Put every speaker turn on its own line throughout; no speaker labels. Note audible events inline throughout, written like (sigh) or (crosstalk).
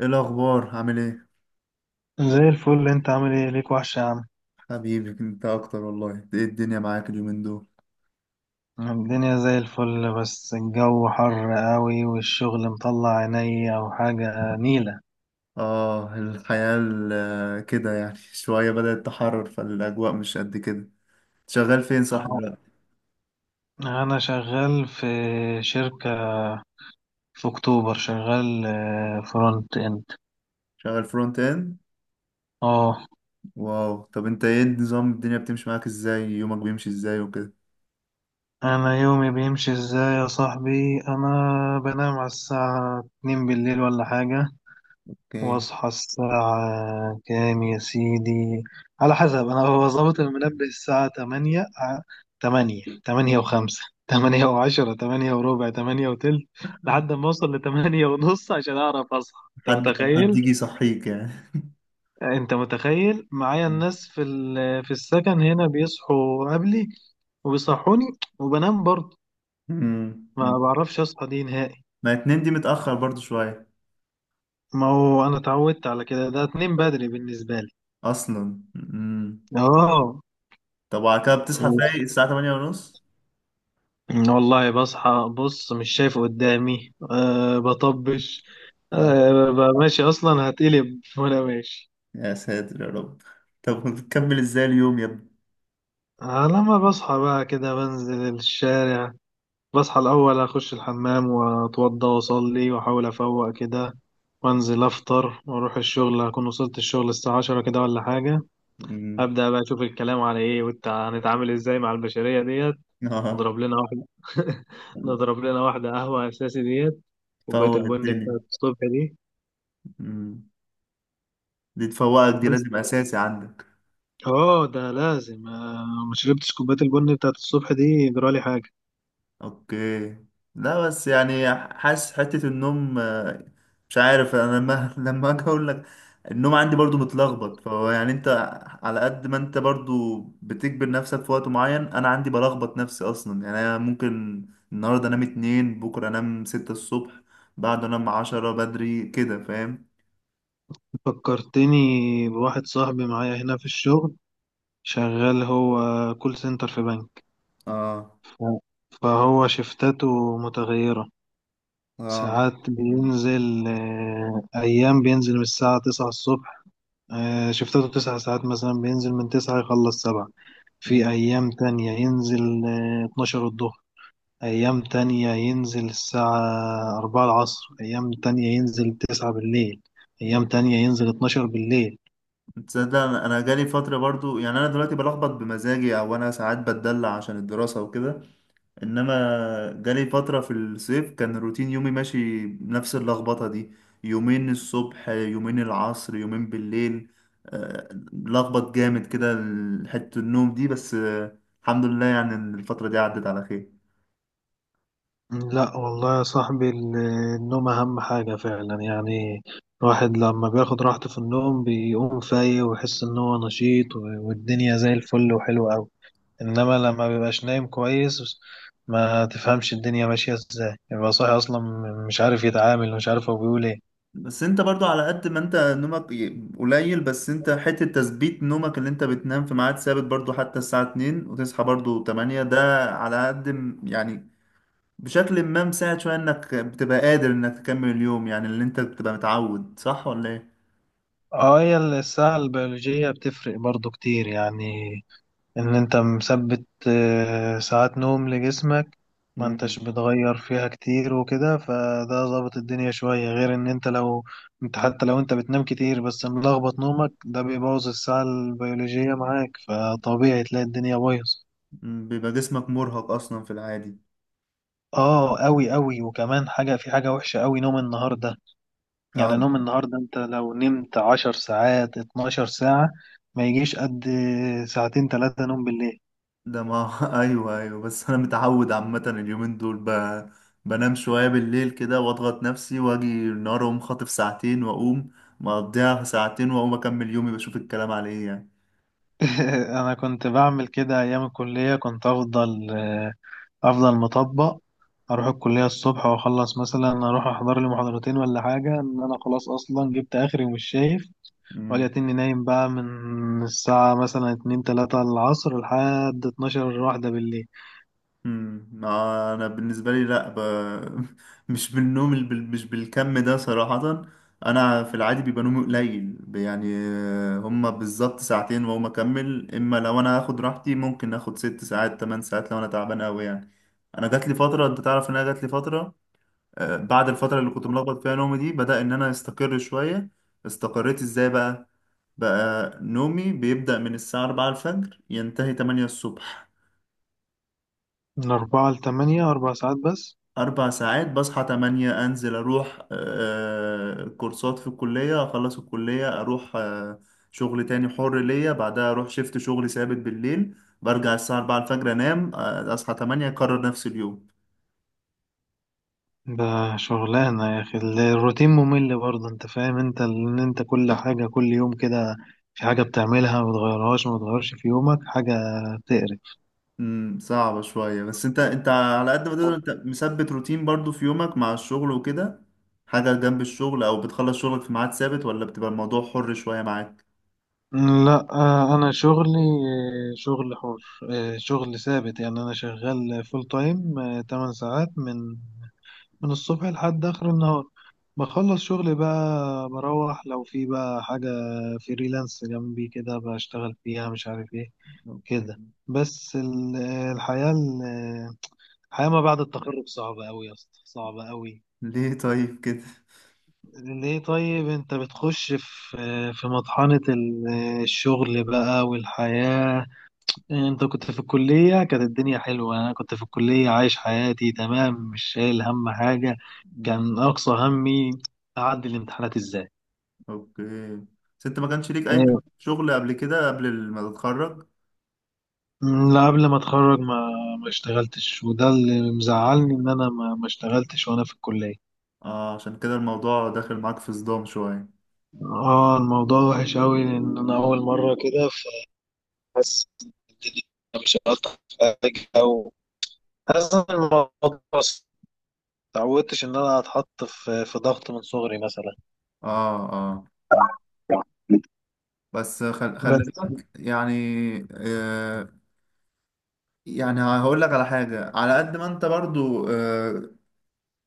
ايه الاخبار؟ عامل ايه؟
زي الفل انت عامل ايه ليك وحش يا عم.
حبيبي انت اكتر، والله. ايه الدنيا معاك اليومين دول؟
الدنيا زي الفل، بس الجو حر قوي والشغل مطلع عينيا وحاجة نيلة.
اه، الحياة كده يعني (laughs) شوية بدأت تحرر، فالاجواء مش قد كده. شغال فين صح
اهو.
دلوقتي؟
انا شغال في شركة في اكتوبر، شغال فرونت اند.
شغال فرونت اند؟
اه.
واو، طب انت ايه النظام؟ الدنيا بتمشي معاك ازاي؟ يومك بيمشي ازاي وكده؟
انا يومي بيمشي ازاي يا صاحبي؟ انا بنام على الساعة 2 بالليل ولا حاجة،
اوكي.
واصحى الساعة كام يا سيدي؟ على حسب، انا هو ظابط المنبه الساعة 8، تمانية، 8:05، (laughs) 8:10، 8:15، 8:20، لحد ما اوصل لـ 8:30 عشان اعرف اصحى. انت
حد ما حد
متخيل؟
يجي يصحيك يعني؟
انت متخيل معايا الناس في السكن هنا بيصحوا قبلي وبيصحوني، وبنام برضه.
مم.
ما
مم.
بعرفش اصحى دي نهائي.
ما اتنين دي متأخر برضو شوية.
ما هو انا اتعودت على كده، ده اتنين بدري بالنسبة لي.
اصلا مم.
اه،
طب وعلى كده بتصحى فايق الساعة 8:30 ونص؟
والله بصحى، بص مش شايف قدامي. بطبش، ببقى ماشي، أصلا هتقلب وأنا ماشي.
يا ساتر يا رب. طب بتكمل ازاي اليوم يا ابني؟
لما بصحى بقى كده بنزل الشارع. بصحى الأول أخش الحمام وأتوضى وأصلي وأحاول أفوق كده، وأنزل أفطر وأروح الشغل. أكون وصلت الشغل الساعة 10 كده ولا حاجة.
مم.
أبدأ بقى أشوف الكلام على إيه، وإنت هنتعامل إزاي مع البشرية ديت.
اه.
نضرب لنا واحدة، (laughs) نضرب لنا واحدة قهوة أساسي ديت، كوباية
تفوق
البن
الدنيا.
بتاعت الصبح.
مم. دي تفوقك، دي
بس
لازم اساسي عندك.
اه، ده لازم. ما شربتش كوباية البن بتاعت الصبح دي جرالي حاجة.
اوكي. لا بس يعني حاسس حتة النوم، مش عارف انا لما (laughs) اجي اقول لك، النوم عندي برضو متلخبط. فهو يعني انت، على قد ما انت برضو بتجبر نفسك في وقت معين، انا عندي بلخبط نفسي اصلا. يعني انا ممكن النهارده انام 2، بكره انام 6 الصبح، بعده انام 10 بدري، كده فاهم؟
فكرتني بواحد صاحبي معايا هنا في الشغل، شغال هو كول سنتر في بنك.
اه.
ف- فهو شفتاته متغيرة.
اه.
ساعات
مم.
بينزل، أيام بينزل من الساعة 9 الصبح. شفتاته 9 ساعات مثلا، بينزل من 9 يخلص 7. في
مم.
أيام تانية ينزل 12 الظهر. أيام تانية ينزل الساعة 4 العصر، أيام تانية ينزل 9 بالليل،
مم.
أيام تانية ينزل 12 بالليل.
تصدق انا، جالي فتره برضو. يعني انا دلوقتي بلخبط بمزاجي، او انا ساعات بتدلع عشان الدراسه وكده. انما جالي فتره في الصيف كان روتين يومي ماشي نفس اللخبطه دي. يومين الصبح، يومين العصر، يومين بالليل، آه، لخبط جامد كده. حته النوم دي بس، الحمد لله. يعني إن الفتره دي عدت على خير.
لا والله يا صاحبي، النوم أهم حاجة فعلا يعني. الواحد لما بياخد راحته في النوم بيقوم فايق ويحس إن هو نشيط والدنيا زي الفل وحلوة أوي. إنما لما بيبقاش نايم كويس، ما تفهمش الدنيا ماشية إزاي، يبقى صاحي أصلا مش عارف يتعامل ومش عارف هو بيقول إيه.
بس انت برضو، على قد ما انت نومك قليل، بس انت حتة تثبيت نومك، اللي انت بتنام في ميعاد ثابت برضو، حتى الساعة 2 وتصحى برضو 8، ده على قد يعني بشكل ما مساعد شوية، انك بتبقى قادر انك تكمل اليوم. يعني اللي انت بتبقى متعود، صح ولا ايه؟
اه، هي الساعة البيولوجية بتفرق برضو كتير يعني. ان انت مثبت ساعات نوم لجسمك، ما
مم.
انتش بتغير فيها كتير وكده، فده ظابط الدنيا شوية. غير ان انت لو، انت حتى لو انت بتنام كتير بس ملخبط نومك، ده بيبوظ الساعة البيولوجية معاك، فطبيعي تلاقي الدنيا بايظ.
مم، بيبقى جسمك مرهق اصلا في العادي.
اه اوي اوي، وكمان حاجة، في حاجة وحشة اوي، نوم النهاردة.
اه،
يعني نوم النهاردة، انت لو نمت 10 ساعات 12 ساعة، ما يجيش قد ساعتين 3 نوم بالليل.
ده ما (laughs) ايوه، ايوه، بس انا متعود، عامه اليومين دول بنام شويه بالليل كده واضغط نفسي، واجي النهار اقوم خاطف ساعتين، واقوم مقضيها في ساعتين واقوم اكمل يومي بشوف الكلام على ايه يعني.
(laughs) انا كنت بعمل كده ايام الكلية. كنت افضل، افضل مطبق، اروح الكلية الصبح واخلص، مثلا اروح احضر لي محاضرتين ولا حاجة، ان انا خلاص اصلا جبت اخري ومش شايف، واجي
مم.
اتني نايم بقى من الساعة مثلا 2-3 العصر لحد 12-1 بالليل.
مم. ما انا بالنسبه لي لا ب... (laughs) مش بالنوم الب... مش بالكم ده صراحه. انا في العادي بيبقى نومي قليل، يعني هما بالظبط ساعتين، وهما اكمل. اما لو انا هاخد راحتي ممكن اخد 6 ساعات، 8 ساعات لو انا تعبان قوي يعني. انا جات لي فتره، انت تعرف ان انا جات لي فتره، بعد الفتره اللي كنت ملخبط فيها نومي دي، بدأ ان انا استقر شويه. استقريت ازاي بقى؟ بقى نومي بيبدأ من الساعه 4 الفجر، ينتهي 8 الصبح.
من 4 لـ 8، 4 ساعات بس؟
4 ساعات. بصحى 8 أنزل أروح كورسات في الكلية، أخلص الكلية أروح شغل تاني حر ليا، بعدها أروح شيفت شغل ثابت بالليل، برجع الساعة 4 الفجر أنام، أصحى 8 أكرر نفس اليوم.
ده شغلانة يا أخي، الروتين ممل برضه. أنت فاهم أنت، إن أنت كل حاجة كل يوم كده، في حاجة بتعملها ما بتغيرهاش، ما بتغيرش في يومك حاجة، تقرف.
صعبة شوية. بس أنت، على قد ما تقدر أنت مثبت روتين برضو في يومك مع الشغل وكده؟ حاجة جنب الشغل؟ أو بتخلص شغلك في ميعاد ثابت، ولا بتبقى الموضوع حر شوية معاك؟
لا أنا شغلي، شغل حر، شغل ثابت يعني، أنا شغال فول تايم 8 ساعات من الصبح لحد آخر النهار. بخلص شغلي بقى، بروح لو في بقى حاجة فريلانس جنبي كده بشتغل فيها، مش عارف إيه كده.
أوكي.
بس الحياة ال- الحياة ما بعد التخرج صعبة أوي يا اسطى، صعبة أوي.
ليه طيب كده؟
ليه طيب؟ أنت بتخش في مطحنة الشغل بقى والحياة. أنت كنت في الكلية كانت الدنيا حلوة. أنا كنت في الكلية عايش حياتي تمام، مش شايل هم حاجة. كان أقصى همي أعدي الامتحانات إزاي.
اوكي. بس انت ما كانش ليك اي
ايوه.
شغل قبل كده، قبل ما تتخرج؟
أمم، لا قبل ما اتخرج، ما ما اشتغلتش، وده اللي مزعلني ان انا ما اشتغلتش وانا في الكليه.
اه، عشان كده الموضوع داخل معاك في صدام شوية.
اه، الموضوع وحش قوي لان انا اول مره كده، فحاسس إن الدنيا، مش هقطع حاجه، او حاسس ان الموضوع بس، متعودتش ان انا اتحط في ضغط من صغري مثلا.
اه، اه، بس خلي
بس
بالك يعني. آه يعني هقول لك على حاجة، على قد ما انت برضو،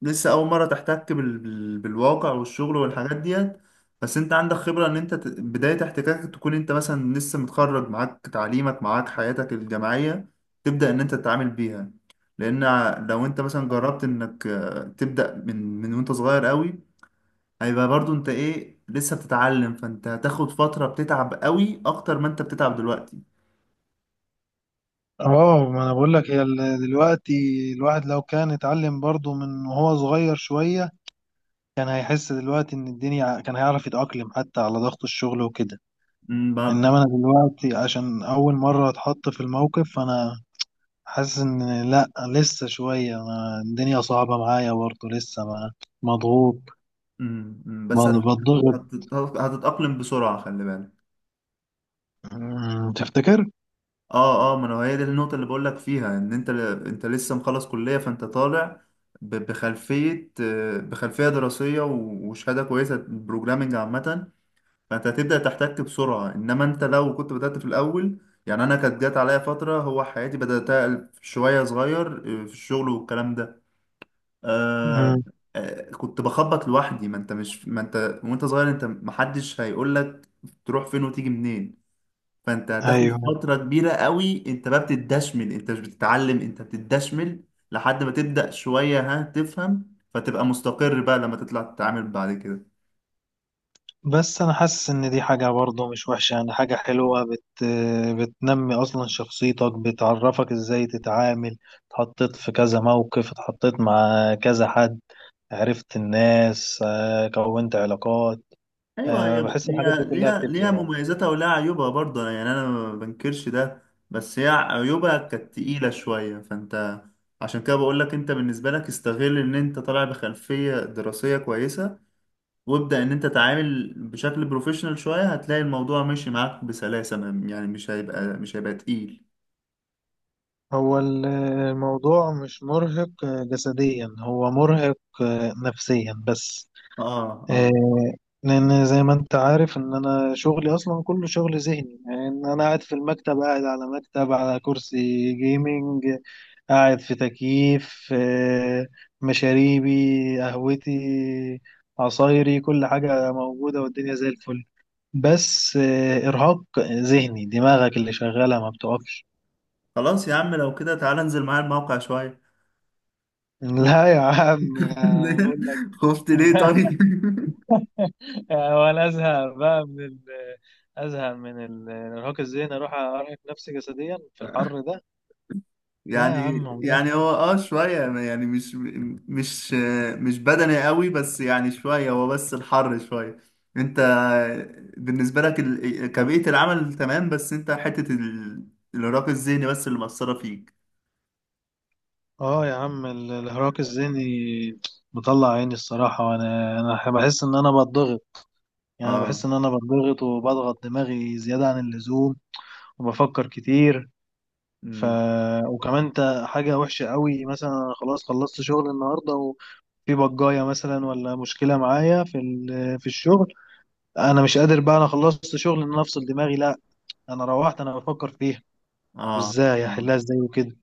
لسه اول مره تحتك بالواقع والشغل والحاجات ديت. بس انت عندك خبره، ان انت بدايه احتكاكك تكون انت مثلا لسه متخرج، معاك تعليمك، معاك حياتك الجامعيه، تبدا ان انت تتعامل بيها. لان لو انت مثلا جربت انك تبدا من وانت صغير قوي، هيبقى برضو انت ايه، لسه بتتعلم، فانت هتاخد فتره بتتعب قوي اكتر ما انت بتتعب دلوقتي.
اه، ما انا بقول لك، هي دلوقتي الواحد لو كان اتعلم برضه من وهو صغير شويه، كان هيحس دلوقتي ان الدنيا، كان هيعرف يتأقلم حتى على ضغط الشغل وكده.
أمم، ب-
انما انا دلوقتي عشان اول مره اتحط في الموقف، فانا حاسس ان لا لسه شويه. أنا الدنيا صعبه معايا برضه لسه، ما مضغوط،
أمم، أمم، بس
بتضغط.
هتتاقلم بسرعه، خلي بالك.
أمم، تفتكر؟
اه، اه، ما انا هي دي النقطة اللي بقول لك فيها، ان انت، انت لسه مخلص كلية، فانت طالع بخلفية دراسية وشهادة كويسة بروجرامنج عامة. فانت هتبدأ تحتك بسرعة. انما انت لو كنت بدأت في الاول، يعني انا كانت جات عليا فترة، هو حياتي بدأتها شوية صغير في الشغل والكلام ده. آه
أمم.
كنت بخبط لوحدي. ما انت وانت صغير، انت محدش هيقولك تروح فين وتيجي منين. فانت هتاخد
ايوه،
فترة كبيرة قوي، انت بقى بتدشمل، انت مش بتتعلم انت بتدشمل، لحد ما تبدأ شوية ها تفهم، فتبقى مستقر بقى لما تطلع تتعامل بعد كده.
بس انا حاسس ان دي حاجه برضه مش وحشه يعني. حاجه حلوه، بتنمي اصلا شخصيتك، بتعرفك ازاي تتعامل. اتحطيت في كذا موقف، اتحطيت مع كذا حد، عرفت الناس، كونت علاقات.
ايوه. هي
بحس الحاجات دي
هي
كلها
ليها
بتفرق يعني.
مميزاتها ولها عيوبها برضه. يعني انا ما بنكرش ده. بس هي عيوبها كانت تقيلة شوية. فانت عشان كده بقول لك، انت بالنسبة لك استغل ان انت طالع بخلفية دراسية كويسة، وابدأ ان انت تعامل بشكل بروفيشنال شوية، هتلاقي الموضوع ماشي معاك بسلاسة يعني مش هيبقى تقيل.
هو الموضوع مش مرهق جسديا، هو مرهق نفسيا بس.
اه،
آه،
اه،
لأن زي ما أنت عارف إن أنا شغلي أصلا كله شغل ذهني. يعني إن أنا قاعد في المكتب، قاعد على مكتب، على كرسي جيمنج، قاعد في تكييف، مشاريبي، قهوتي، عصايري، كل حاجة موجودة والدنيا زي الفل. بس إرهاق ذهني، دماغك اللي شغالة ما بتقفش.
خلاص يا عم لو كده تعالى انزل معايا الموقع شوية.
لا يا عم، بقول لك.
(laughs) خفت ليه طيب؟
(laughs) ولا ازهق من الارهاق الذهني، اروح ارهق نفسي جسديا في الحر ده.
(laughs)
لا يا
يعني
عم عمره.
هو شوية يعني مش مش بدني قوي، بس يعني شوية، هو بس الحر شوية. انت بالنسبة لك كبيئة العمل تمام، بس انت حتة الإرهاق الذهني بس اللي مأثرة فيك.
اه يا عم، الارهاق الذهني مطلع عيني الصراحه، وانا بحس ان انا بضغط. يعني أنا بحس
اه،
ان انا بضغط وبضغط دماغي زياده عن اللزوم، وبفكر كتير. ف وكمان انت، حاجه وحشه قوي، مثلا أنا خلاص خلصت شغل النهارده، في بجايه مثلا ولا مشكله معايا في الشغل. انا مش قادر بقى، انا خلصت شغل ان أنا افصل دماغي، لا، انا روحت انا بفكر فيها،
اه،
وازاي احلها ازاي وكده.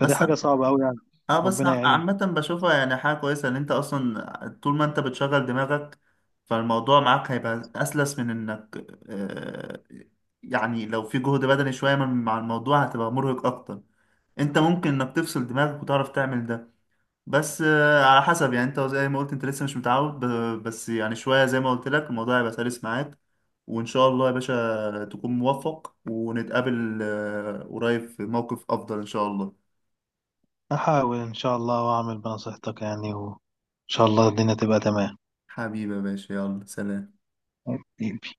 فدي حاجه صعبه قوي يعني.
اه بس
ربنا يعين.
عامة بشوفها يعني حاجة كويسة، ان انت اصلا طول ما انت بتشغل دماغك، فالموضوع معاك هيبقى اسلس من انك يعني لو في جهد بدني شوية مع الموضوع، هتبقى مرهق اكتر. انت ممكن انك تفصل دماغك وتعرف تعمل ده، بس على حسب يعني. انت زي ما قلت، انت لسه مش متعود، بس يعني شوية زي ما قلت لك، الموضوع هيبقى سلس معاك. وان شاء الله يا باشا تكون موفق، ونتقابل قريب في موقف افضل ان شاء الله.
احاول ان شاء الله واعمل بنصيحتك يعني، وان شاء الله الدنيا تبقى
حبيبي يا باشا، يلا سلام.
تمام.